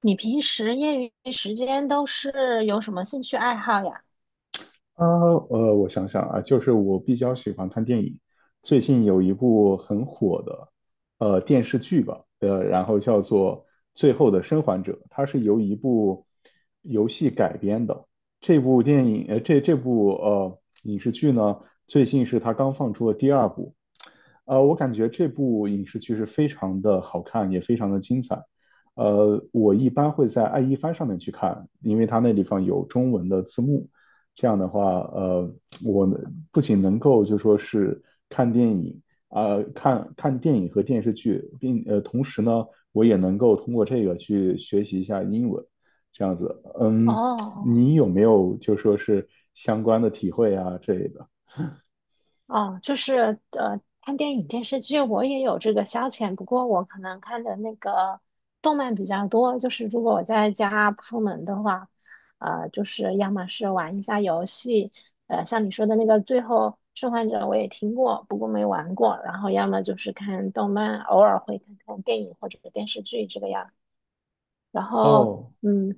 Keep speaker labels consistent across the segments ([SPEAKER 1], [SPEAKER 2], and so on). [SPEAKER 1] 你平时业余时间都是有什么兴趣爱好呀？
[SPEAKER 2] 啊，我想想啊，就是我比较喜欢看电影。最近有一部很火的，电视剧吧，然后叫做《最后的生还者》，它是由一部游戏改编的。这部电影，呃，这部影视剧呢，最近是它刚放出的第二部。我感觉这部影视剧是非常的好看，也非常的精彩。我一般会在爱一番上面去看，因为它那地方有中文的字幕。这样的话，呃，我不仅能够就说是看电影看电影和电视剧，并同时呢，我也能够通过这个去学习一下英文，这样子。嗯，
[SPEAKER 1] 哦
[SPEAKER 2] 你有没有就说是相关的体会啊之类的？
[SPEAKER 1] 哦，就是看电影、电视剧，我也有这个消遣，不过我可能看的那个动漫比较多。就是如果我在家不出门的话，就是要么是玩一下游戏，像你说的那个《最后生还者》，我也听过，不过没玩过。然后要么就是看动漫，偶尔会看看电影或者是电视剧这个样。然后，
[SPEAKER 2] 哦，
[SPEAKER 1] 嗯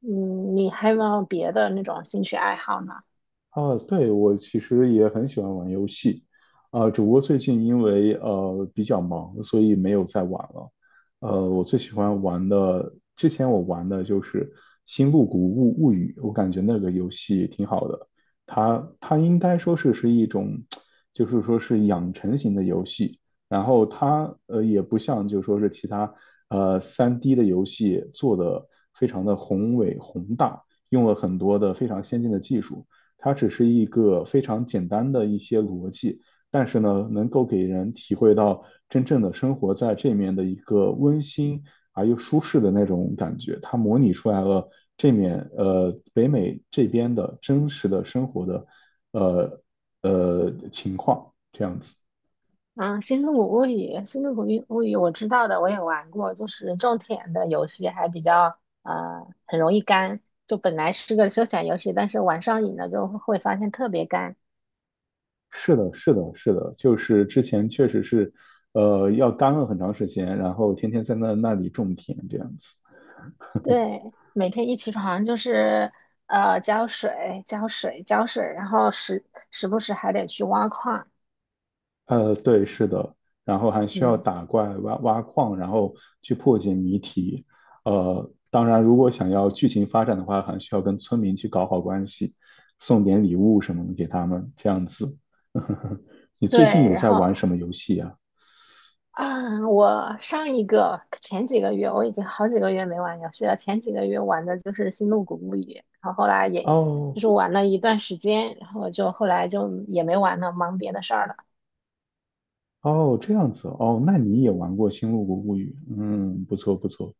[SPEAKER 1] 嗯，你还有没有别的那种兴趣爱好呢？
[SPEAKER 2] 啊，对，我其实也很喜欢玩游戏，啊，只不过最近因为比较忙，所以没有再玩了。呃，我最喜欢玩的，之前我玩的就是《星露谷物物语》，我感觉那个游戏挺好的。它应该说是是一种，就是说是养成型的游戏。然后它也不像就说是其他三 d 的游戏做的非常的宏伟宏大，用了很多的非常先进的技术。它只是一个非常简单的一些逻辑，但是呢，能够给人体会到真正的生活在这面的一个温馨而又舒适的那种感觉。它模拟出来了这面北美这边的真实的生活的呃情况。
[SPEAKER 1] 嗯，《星露谷物语》《星露谷物语》我知道的，我也玩过，就是种田的游戏，还比较很容易干。就本来是个休闲游戏，但是玩上瘾了就会发现特别干。
[SPEAKER 2] 是的，是的，是的，就是之前确实是，呃，要干了很长时间，然后天天在那里种田这样子。
[SPEAKER 1] 对，每天一起床就是浇水、浇水、浇水，然后时不时还得去挖矿。
[SPEAKER 2] 呃，对，是的，然后还需要
[SPEAKER 1] 嗯，
[SPEAKER 2] 打怪、挖矿，然后去破解谜题。呃，当然，如果想要剧情发展的话，还需要跟村民去搞好关系，送点礼物什么的给他们，这样子。你最近
[SPEAKER 1] 对，
[SPEAKER 2] 有
[SPEAKER 1] 然
[SPEAKER 2] 在玩
[SPEAKER 1] 后
[SPEAKER 2] 什么游戏啊？
[SPEAKER 1] 啊，我上一个前几个月，我已经好几个月没玩游戏了。前几个月玩的就是《星露谷物语》，然后后来也就
[SPEAKER 2] 哦，
[SPEAKER 1] 是玩了一段时间，然后我就后来就也没玩了，忙别的事儿了。
[SPEAKER 2] 哦，这样子哦，那你也玩过《星露谷物语》？嗯，不错不错。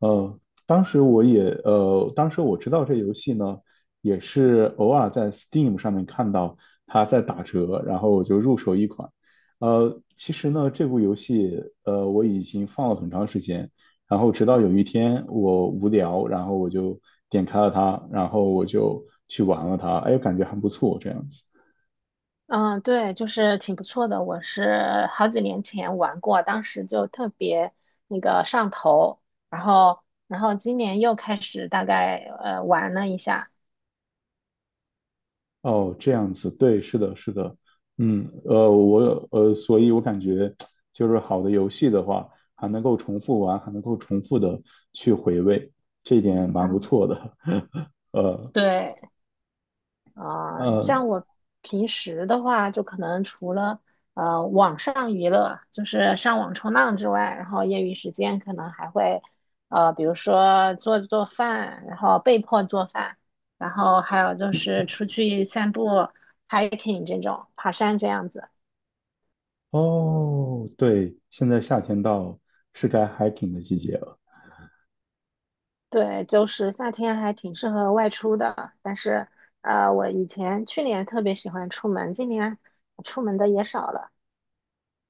[SPEAKER 2] 呃，当时我也呃，当时我知道这游戏呢，也是偶尔在 Steam 上面看到它在打折，然后我就入手一款。呃，其实呢，这部游戏我已经放了很长时间，然后直到有一天我无聊，然后我就点开了它，然后我就去玩了它，哎，感觉还不错，这样子。
[SPEAKER 1] 嗯，对，就是挺不错的。我是好几年前玩过，当时就特别那个上头，然后然后今年又开始大概玩了一下。
[SPEAKER 2] 哦，这样子，对，是的，是的，嗯，呃，我所以我感觉就是好的游戏的话，还能够重复玩，还能够重复的去回味，这一点蛮不
[SPEAKER 1] 嗯，
[SPEAKER 2] 错的。呃
[SPEAKER 1] 对，啊、
[SPEAKER 2] 呃，
[SPEAKER 1] 像我平时的话，就可能除了网上娱乐，就是上网冲浪之外，然后业余时间可能还会比如说做做饭，然后被迫做饭，然后还有就是出去散步、hiking 这种爬山这样子。
[SPEAKER 2] 哦，对，现在夏天到了，是该 hiking 的季节了。
[SPEAKER 1] 对，就是夏天还挺适合外出的，但是我以前去年特别喜欢出门，今年出门的也少了。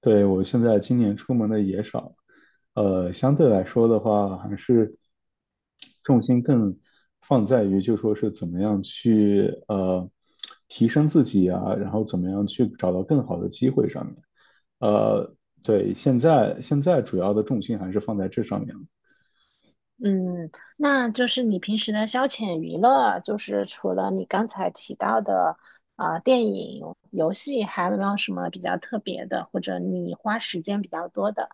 [SPEAKER 2] 对，我现在今年出门的也少，呃，相对来说的话，还是重心更放在于就说是怎么样去提升自己啊，然后怎么样去找到更好的机会上面。呃，对，现在主要的重心还是放在这上面了。
[SPEAKER 1] 嗯，那就是你平时的消遣娱乐，就是除了你刚才提到的啊、电影、游戏，还有没有什么比较特别的，或者你花时间比较多的？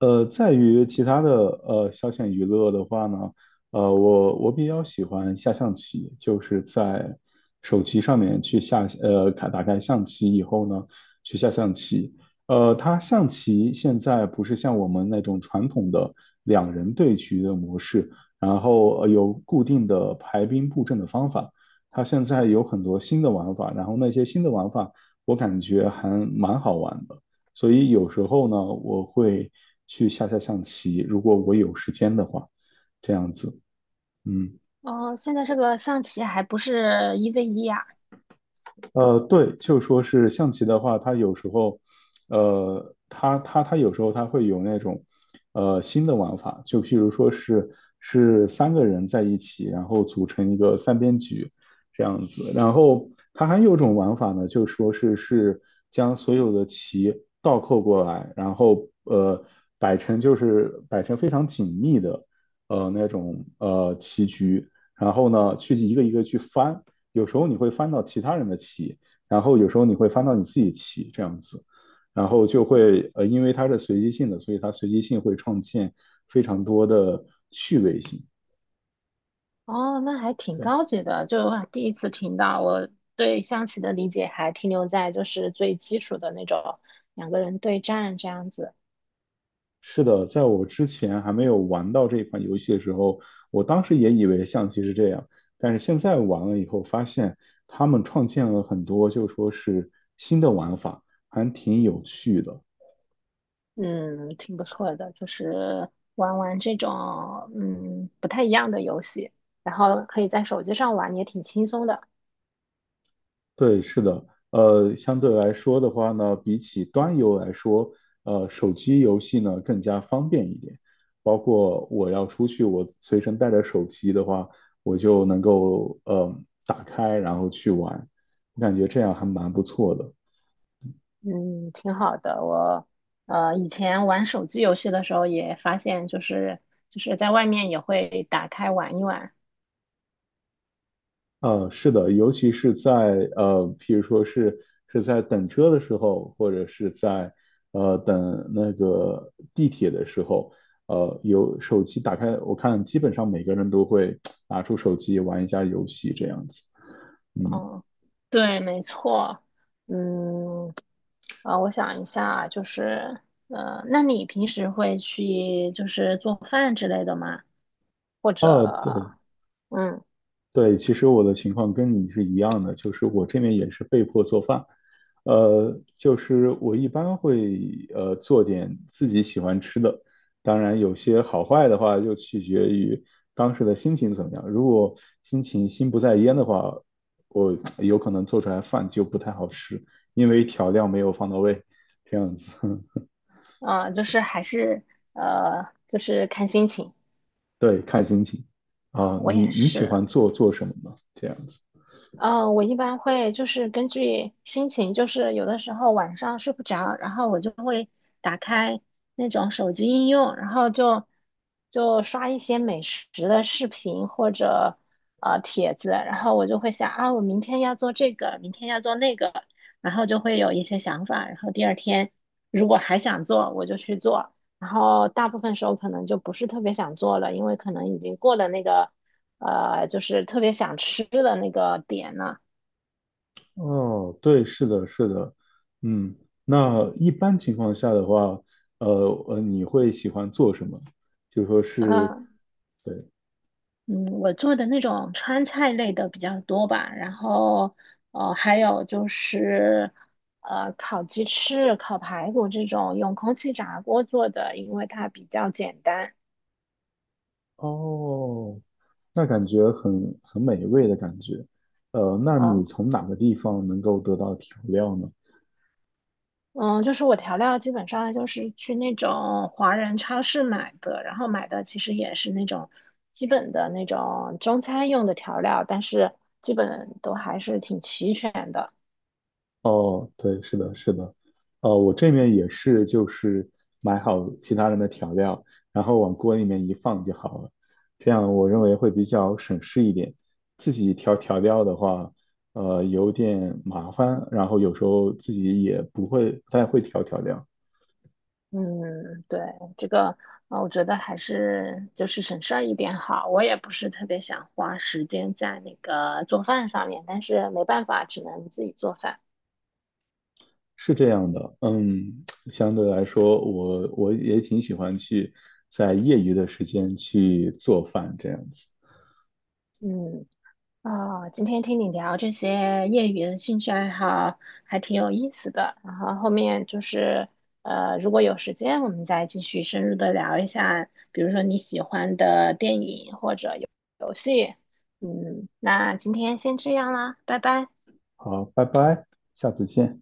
[SPEAKER 2] 呃，在于其他的消遣娱乐的话呢，呃，我比较喜欢下象棋，就是在手机上面去下开打开象棋以后呢，去下象棋。呃，它象棋现在不是像我们那种传统的两人对局的模式，然后有固定的排兵布阵的方法，它现在有很多新的玩法，然后那些新的玩法我感觉还蛮好玩的。所以有时候呢，我会去下下象棋，如果我有时间的话，这样子，嗯。
[SPEAKER 1] 哦，现在这个象棋还不是一 v 一啊？
[SPEAKER 2] 呃，对，就说是象棋的话，它有时候，呃，它有时候它会有那种，呃，新的玩法，就譬如说是是三个人在一起，然后组成一个三边局这样子。然后它还有一种玩法呢，就说是是将所有的棋倒扣过来，然后摆成就是摆成非常紧密的那种棋局，然后呢去一个一个去翻。有时候你会翻到其他人的棋，然后有时候你会翻到你自己棋这样子，然后就会呃，因为它是随机性的，所以它随机性会创建非常多的趣味性。
[SPEAKER 1] 哦，那还挺
[SPEAKER 2] 对，
[SPEAKER 1] 高级的，就第一次听到。我对象棋的理解还停留在就是最基础的那种两个人对战这样子。
[SPEAKER 2] 是的，在我之前还没有玩到这款游戏的时候，我当时也以为象棋是这样，但是现在玩了以后发现，他们创建了很多就说是新的玩法，还挺有趣的。
[SPEAKER 1] 嗯，挺不错的，就是玩玩这种不太一样的游戏，然后可以在手机上玩，也挺轻松的，
[SPEAKER 2] 对，是的，呃，相对来说的话呢，比起端游来说，呃，手机游戏呢更加方便一点。包括我要出去，我随身带着手机的话，我就能够打开，然后去玩。我感觉这样还蛮不错的。
[SPEAKER 1] 嗯，挺好的。我以前玩手机游戏的时候也发现，就是就是在外面也会打开玩一玩。
[SPEAKER 2] 呃，是的，尤其是在呃，譬如说是是在等车的时候，或者是在等那个地铁的时候，呃，有手机打开，我看基本上每个人都会拿出手机玩一下游戏这样子。嗯，
[SPEAKER 1] 嗯，对，没错。嗯，啊，我想一下，就是那你平时会去就是做饭之类的吗？或
[SPEAKER 2] 呃，
[SPEAKER 1] 者
[SPEAKER 2] 对。
[SPEAKER 1] 嗯。
[SPEAKER 2] 对，其实我的情况跟你是一样的，就是我这边也是被迫做饭，呃，就是我一般会做点自己喜欢吃的，当然有些好坏的话就取决于当时的心情怎么样。如果心情心不在焉的话，我有可能做出来饭就不太好吃，因为调料没有放到位，这样子。
[SPEAKER 1] 嗯，就是还是就是看心情。
[SPEAKER 2] 对，看心情。啊、
[SPEAKER 1] 我
[SPEAKER 2] 你
[SPEAKER 1] 也
[SPEAKER 2] 你喜
[SPEAKER 1] 是，
[SPEAKER 2] 欢做做什么呢？这样子。
[SPEAKER 1] 嗯，我一般会就是根据心情，就是有的时候晚上睡不着，然后我就会打开那种手机应用，然后就就刷一些美食的视频或者帖子，然后我就会想啊，我明天要做这个，明天要做那个，然后就会有一些想法，然后第二天如果还想做，我就去做，然后大部分时候可能就不是特别想做了，因为可能已经过了那个。就是特别想吃的那个点呢。
[SPEAKER 2] 哦，对，是的，是的，嗯，那一般情况下的话，呃你会喜欢做什么？就说是，
[SPEAKER 1] 呃，
[SPEAKER 2] 对，
[SPEAKER 1] 嗯，我做的那种川菜类的比较多吧，然后还有就是烤鸡翅、烤排骨这种用空气炸锅做的，因为它比较简单。
[SPEAKER 2] 哦，那感觉很美味的感觉。呃，那你
[SPEAKER 1] 啊，
[SPEAKER 2] 从哪个地方能够得到调料呢？
[SPEAKER 1] 嗯，就是我调料基本上就是去那种华人超市买的，然后买的其实也是那种基本的那种中餐用的调料，但是基本都还是挺齐全的。
[SPEAKER 2] 哦，对，是的，是的，呃，我这面也是，就是买好其他人的调料，然后往锅里面一放就好了，这样我认为会比较省事一点。自己调调料的话，呃，有点麻烦，然后有时候自己也不会，不太会调调料，
[SPEAKER 1] 嗯，对，这个，啊，我觉得还是就是省事儿一点好。我也不是特别想花时间在那个做饭上面，但是没办法，只能自己做饭。
[SPEAKER 2] 是这样的。嗯，相对来说，我也挺喜欢去在业余的时间去做饭这样子。
[SPEAKER 1] 嗯，啊、今天听你聊这些业余的兴趣爱好，还挺有意思的。然后后面就是，如果有时间，我们再继续深入的聊一下，比如说你喜欢的电影或，嗯，那今天先这样啦，拜拜。
[SPEAKER 2] 好，拜拜，下次见。